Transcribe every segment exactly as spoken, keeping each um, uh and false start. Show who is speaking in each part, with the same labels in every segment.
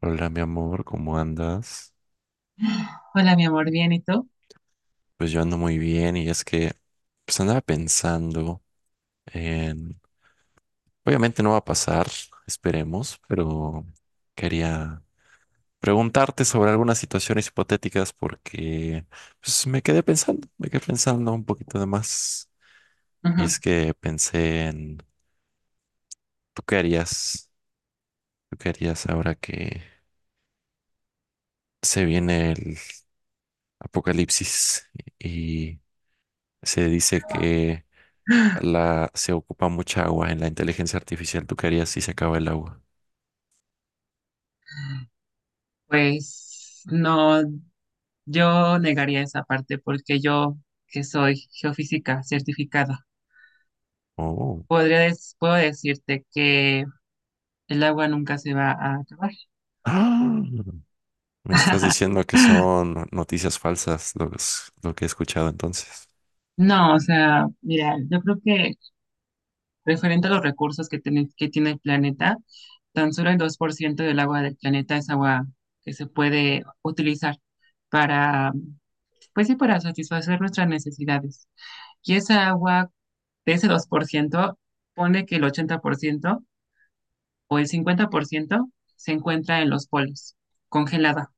Speaker 1: Hola, mi amor, ¿cómo andas?
Speaker 2: Hola, mi amor, bien, ¿y tú?
Speaker 1: Pues yo ando muy bien y es que pues andaba pensando en... Obviamente no va a pasar, esperemos, pero quería preguntarte sobre algunas situaciones hipotéticas porque pues me quedé pensando, me quedé pensando un poquito de más. Y
Speaker 2: Ujú.
Speaker 1: es que pensé en, ¿tú qué harías? ¿Tú qué harías ahora que se viene el apocalipsis y se dice que... La, se ocupa mucha agua en la inteligencia artificial. ¿Tú qué harías si se acaba el agua?
Speaker 2: Pues no, yo negaría esa parte porque yo, que soy geofísica certificada,
Speaker 1: Oh.
Speaker 2: podría des- puedo decirte que el agua nunca se va a acabar.
Speaker 1: ¡Ah! Me estás diciendo que son noticias falsas los- lo que he escuchado entonces.
Speaker 2: No, o sea, mira, yo creo que referente a los recursos que tiene, que tiene el planeta, tan solo el dos por ciento del agua del planeta es agua que se puede utilizar para, pues sí, para satisfacer nuestras necesidades. Y esa agua, de ese dos por ciento pone que el ochenta por ciento o el cincuenta por ciento se encuentra en los polos, congelada.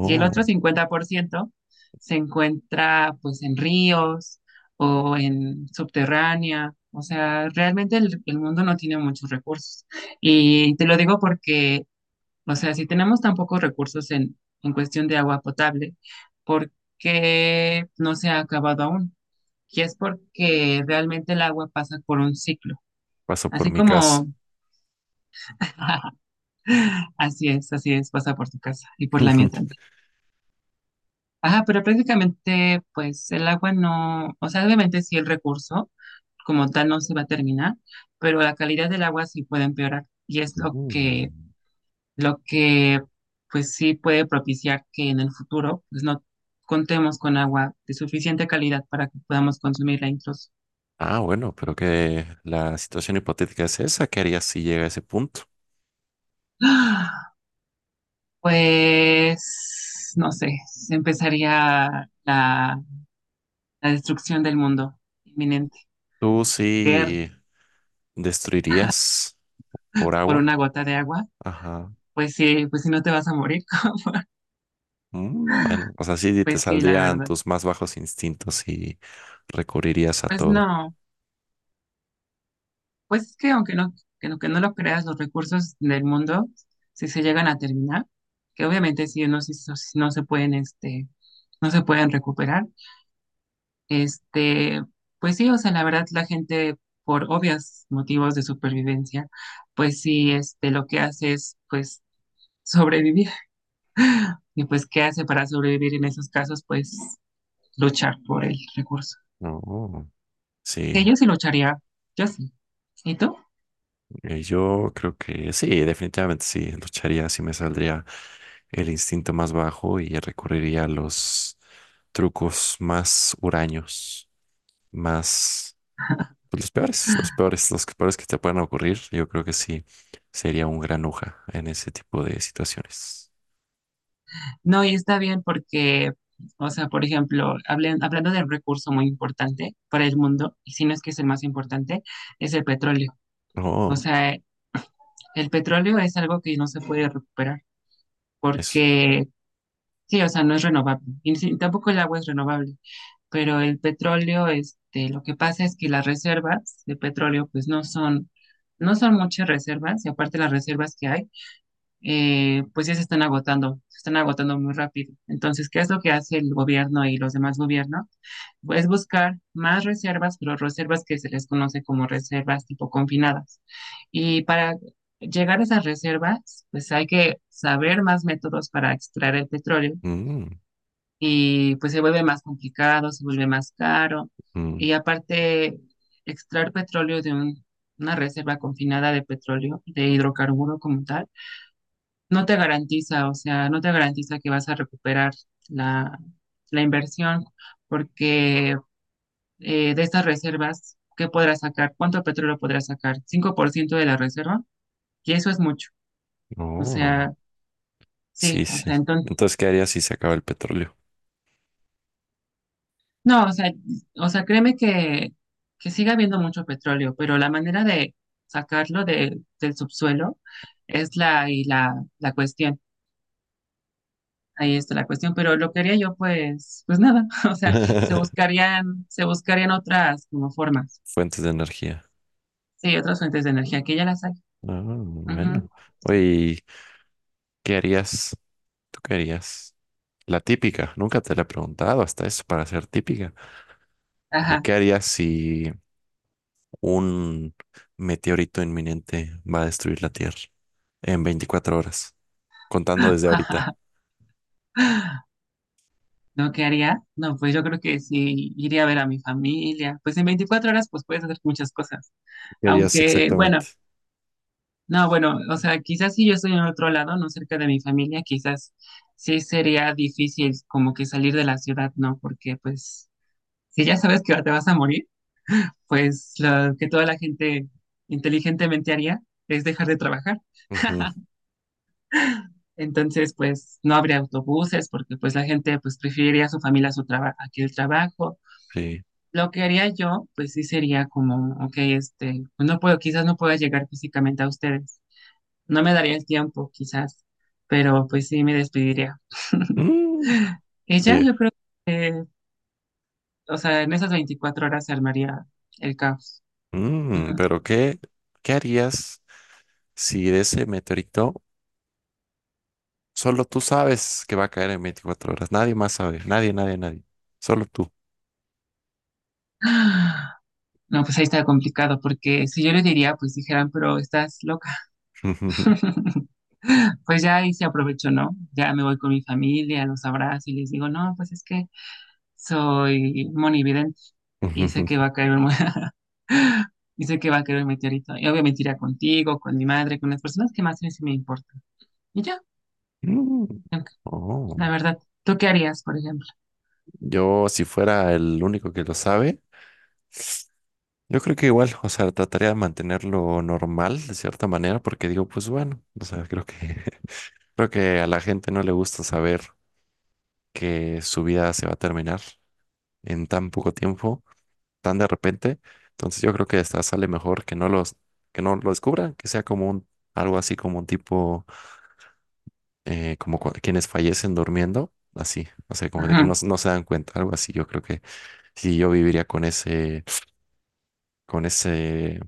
Speaker 2: Y el otro cincuenta por ciento se encuentra pues en ríos o en subterránea. O sea, realmente el, el mundo no tiene muchos recursos. Y te lo digo porque, o sea, si tenemos tan pocos recursos en, en cuestión de agua potable, ¿por qué no se ha acabado aún? Que es porque realmente el agua pasa por un ciclo.
Speaker 1: paso por
Speaker 2: Así
Speaker 1: mi caso.
Speaker 2: como, así es, así es, pasa por tu casa y por la mía también. Ajá, pero prácticamente, pues el agua no, o sea, obviamente sí el recurso como tal no se va a terminar, pero la calidad del agua sí puede empeorar y es lo que,
Speaker 1: Mm.
Speaker 2: lo que, pues sí puede propiciar que en el futuro, pues no contemos con agua de suficiente calidad para que podamos consumirla incluso.
Speaker 1: Ah, bueno, pero que la situación hipotética es esa. ¿Qué harías si llega a ese punto?
Speaker 2: Pues, no sé, empezaría la, la destrucción del mundo inminente.
Speaker 1: ¿Tú
Speaker 2: Guerra
Speaker 1: sí destruirías por
Speaker 2: por una
Speaker 1: agua?
Speaker 2: gota de agua,
Speaker 1: Ajá.
Speaker 2: pues sí, pues si no te vas a morir,
Speaker 1: Mm, bueno, o sea, sí te
Speaker 2: pues sí, la
Speaker 1: saldrían
Speaker 2: verdad.
Speaker 1: tus más bajos instintos y recurrirías a
Speaker 2: Pues
Speaker 1: todo.
Speaker 2: no, pues es que aunque no, que no, que no lo creas, los recursos del mundo, si se llegan a terminar, que obviamente sí, no, sí, so- sí, no se pueden, este, no se pueden recuperar. Este, pues sí, o sea, la verdad la gente por obvios motivos de supervivencia, pues sí, este, lo que hace es pues sobrevivir. Y pues, ¿qué hace para sobrevivir en esos casos? Pues luchar por el recurso.
Speaker 1: No, sí,
Speaker 2: Que yo sí lucharía, yo sí. ¿Y tú?
Speaker 1: eh, yo creo que sí, definitivamente sí, lucharía, sí me saldría el instinto más bajo y recurriría a los trucos más huraños, más, pues, los peores, los peores, los peores que te puedan ocurrir, yo creo que sí, sería un gran granuja en ese tipo de situaciones.
Speaker 2: No, y está bien porque, o sea, por ejemplo, hablen- hablando del recurso muy importante para el mundo, y si no es que es el más importante, es el petróleo. O
Speaker 1: Oh,
Speaker 2: sea, el petróleo es algo que no se puede recuperar
Speaker 1: eso.
Speaker 2: porque. Sí, o sea, no es renovable. Y sí, tampoco el agua es renovable, pero el petróleo, este, lo que pasa es que las reservas de petróleo, pues no son, no son muchas reservas, y aparte las reservas que hay, eh, pues ya se están agotando, se están agotando, muy rápido. Entonces, ¿qué es lo que hace el gobierno y los demás gobiernos? Pues buscar más reservas, pero reservas que se les conoce como reservas tipo confinadas. Y para llegar a esas reservas, pues hay que saber más métodos para extraer el petróleo
Speaker 1: Mm,
Speaker 2: y pues se vuelve más complicado, se vuelve más caro.
Speaker 1: mm,
Speaker 2: Y aparte, extraer petróleo de un- una reserva confinada de petróleo, de hidrocarburo como tal, no te garantiza, o sea, no te garantiza que vas a recuperar la, la inversión, porque eh, de estas reservas, ¿qué podrás sacar? ¿Cuánto petróleo podrás sacar? Cinco por ciento de la reserva. Y eso es mucho. O
Speaker 1: oh,
Speaker 2: sea, sí,
Speaker 1: sí,
Speaker 2: o
Speaker 1: sí.
Speaker 2: sea, entonces.
Speaker 1: Entonces, ¿qué harías si se acaba el petróleo?
Speaker 2: No, o sea, o sea, créeme que, que sigue habiendo mucho petróleo, pero la manera de sacarlo de, del subsuelo es la, y la, la cuestión. Ahí está la cuestión, pero lo que haría yo, pues, pues nada, o sea, se buscarían, se buscarían otras como formas,
Speaker 1: Fuentes de energía.
Speaker 2: sí, otras fuentes de energía, que ya las hay.
Speaker 1: Ah,
Speaker 2: Ujú.
Speaker 1: bueno. Oye, ¿y ¿qué harías? ¿Tú qué harías? La típica, nunca te la he preguntado hasta eso para ser típica. Eh,
Speaker 2: Ajá.
Speaker 1: ¿qué harías si un meteorito inminente va a destruir la Tierra en veinticuatro horas? Contando desde ahorita.
Speaker 2: ¿Lo que haría? No, pues yo creo que sí, iría a ver a mi familia, pues en veinticuatro horas, pues puedes hacer muchas cosas.
Speaker 1: ¿Qué harías
Speaker 2: Aunque, bueno.
Speaker 1: exactamente?
Speaker 2: No, bueno, o sea, quizás si yo estoy en otro lado, no cerca de mi familia, quizás sí sería difícil como que salir de la ciudad, ¿no? Porque pues si ya sabes que te vas a morir, pues lo que toda la gente inteligentemente haría es dejar de trabajar.
Speaker 1: Ujú,
Speaker 2: Entonces, pues no habría autobuses porque pues la gente pues preferiría a su familia a su trabajo, aquí el trabajo.
Speaker 1: sí.
Speaker 2: Lo que haría yo, pues sí sería como, ok, este, pues no puedo, quizás no pueda llegar físicamente a ustedes. No me daría el tiempo, quizás, pero pues sí me despediría.
Speaker 1: Mm,
Speaker 2: Ella,
Speaker 1: oye,
Speaker 2: yo creo que, o sea, en esas veinticuatro horas se armaría el caos.
Speaker 1: mm,
Speaker 2: Ajá.
Speaker 1: pero ¿qué, ¿qué harías si de ese meteorito solo tú sabes que va a caer en veinticuatro horas? Nadie más sabe, nadie, nadie, nadie. Solo tú.
Speaker 2: No, pues ahí está complicado, porque si yo le diría, pues dijeran, pero estás loca. Pues ya ahí se aprovechó, ¿no? Ya me voy con mi familia, los abrazo y les digo, no, pues es que soy monividente y sé que va a caer un... Y sé que va a caer un meteorito. Y obviamente irá contigo, con mi madre, con las personas que más me, sí me importan. Y ya, ok,
Speaker 1: Oh,
Speaker 2: la verdad. ¿Tú qué harías, por ejemplo?
Speaker 1: yo si fuera el único que lo sabe, yo creo que igual, o sea, trataría de mantenerlo normal de cierta manera, porque digo, pues bueno, o sea, creo que creo que a la gente no le gusta saber que su vida se va a terminar en tan poco tiempo, tan de repente. Entonces yo creo que esta sale mejor que no los, que no lo descubran, que sea como un, algo así como un tipo, eh, como cua- quienes fallecen durmiendo, así, o sea, como de que no,
Speaker 2: Ajá,
Speaker 1: no se dan cuenta, algo así, yo creo que sí, yo viviría con ese, con ese,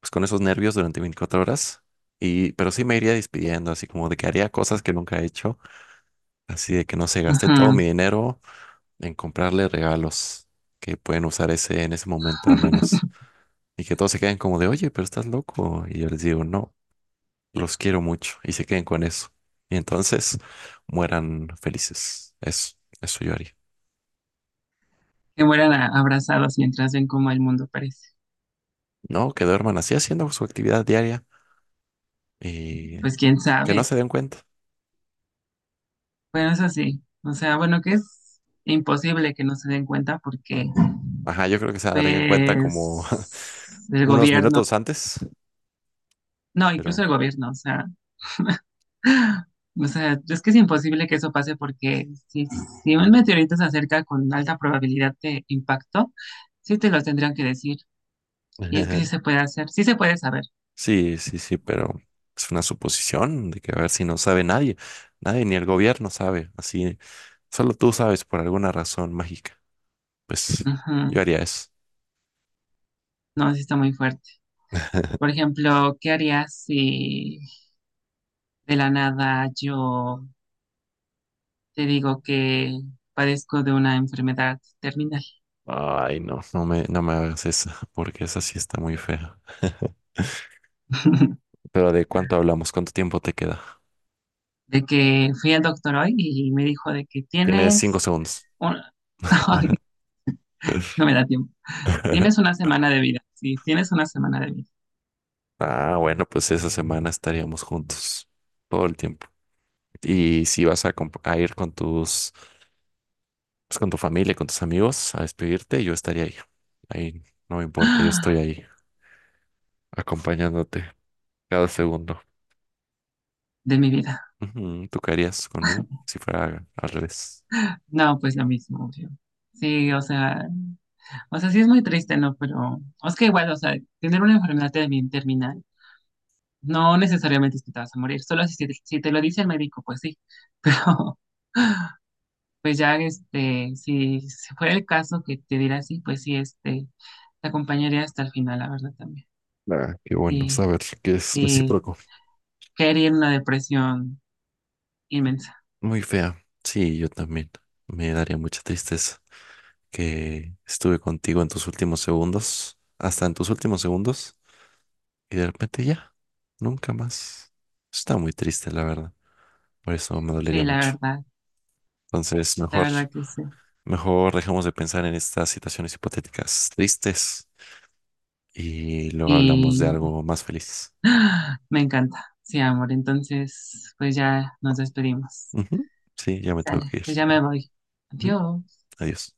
Speaker 1: pues con esos nervios durante veinticuatro horas. Y, pero sí me iría despidiendo, así como de que haría cosas que nunca he hecho, así de que no se gasté todo
Speaker 2: ajá.
Speaker 1: mi dinero en comprarle regalos que pueden usar ese en ese momento al menos. Y que todos se queden como de, oye, pero estás loco. Y yo les digo, no, los quiero mucho. Y se queden con eso. Y entonces mueran felices. Eso, eso yo haría.
Speaker 2: Que mueran a- abrazados mientras ven cómo el mundo parece.
Speaker 1: No, que duerman así haciendo su actividad diaria y
Speaker 2: Pues quién
Speaker 1: que no
Speaker 2: sabe.
Speaker 1: se den cuenta.
Speaker 2: Bueno, eso sí. O sea, bueno, que es imposible que no se den cuenta porque,
Speaker 1: Ajá, yo creo que se darían cuenta como
Speaker 2: pues, el
Speaker 1: unos
Speaker 2: gobierno,
Speaker 1: minutos antes,
Speaker 2: no, incluso
Speaker 1: pero
Speaker 2: el gobierno, o sea. O sea, es que es imposible que eso pase porque si, si, un meteorito se acerca con alta probabilidad de impacto, sí te lo tendrían que decir. Y es que sí se puede hacer, sí se puede saber.
Speaker 1: sí, sí, sí, pero es una suposición de que a ver si no sabe nadie, nadie ni el gobierno sabe, así, solo tú sabes por alguna razón mágica. Pues yo
Speaker 2: Ujú.
Speaker 1: haría eso.
Speaker 2: No, sí está muy fuerte. Por ejemplo, ¿qué harías si de la nada yo te digo que padezco de una enfermedad terminal?
Speaker 1: Ay, no, no me, no me hagas esa, porque esa sí está muy fea. Pero ¿de cuánto hablamos? ¿Cuánto tiempo te queda?
Speaker 2: De que fui al doctor hoy y me dijo de que
Speaker 1: Tienes cinco
Speaker 2: tienes
Speaker 1: segundos.
Speaker 2: un... Ay, no me da tiempo. Tienes una semana de vida. Sí, tienes una semana de vida.
Speaker 1: Ah, bueno, pues esa semana estaríamos juntos todo el tiempo. Y si vas a, comp- a ir con tus, pues, con tu familia, con tus amigos a despedirte, yo estaría ahí. Ahí no me importa, yo estoy ahí acompañándote cada segundo.
Speaker 2: De mi vida.
Speaker 1: Ujú. ¿Tú qué harías conmigo si fuera al revés?
Speaker 2: No, pues lo mismo, obvio. Sí, o sea, o sea, sí es muy triste, ¿no? Pero es que igual, o sea, tener una enfermedad termi- terminal no necesariamente es que te vas a morir, solo si, te- si te lo dice el médico, pues sí, pero pues ya, este, si, si fuera el caso que te diera así, pues sí, este, te acompañaría hasta el final, la verdad, también.
Speaker 1: Ah, qué bueno
Speaker 2: Y,
Speaker 1: saber que es
Speaker 2: y
Speaker 1: recíproco.
Speaker 2: caería en una depresión inmensa,
Speaker 1: Muy fea. Sí, yo también. Me daría mucha tristeza que estuve contigo en tus últimos segundos, hasta en tus últimos segundos, y de repente ya, nunca más. Está muy triste, la verdad. Por eso me
Speaker 2: sí,
Speaker 1: dolería
Speaker 2: la
Speaker 1: mucho.
Speaker 2: verdad,
Speaker 1: Entonces,
Speaker 2: la
Speaker 1: mejor,
Speaker 2: verdad que sí.
Speaker 1: mejor dejemos de pensar en estas situaciones hipotéticas tristes y luego hablamos de algo más feliz.
Speaker 2: Me encanta. Sí, amor. Entonces, pues ya nos despedimos.
Speaker 1: Ujú. Sí, ya me tengo que
Speaker 2: Sale,
Speaker 1: ir.
Speaker 2: pues ya me
Speaker 1: Ah,
Speaker 2: voy.
Speaker 1: ujú.
Speaker 2: Adiós.
Speaker 1: Adiós.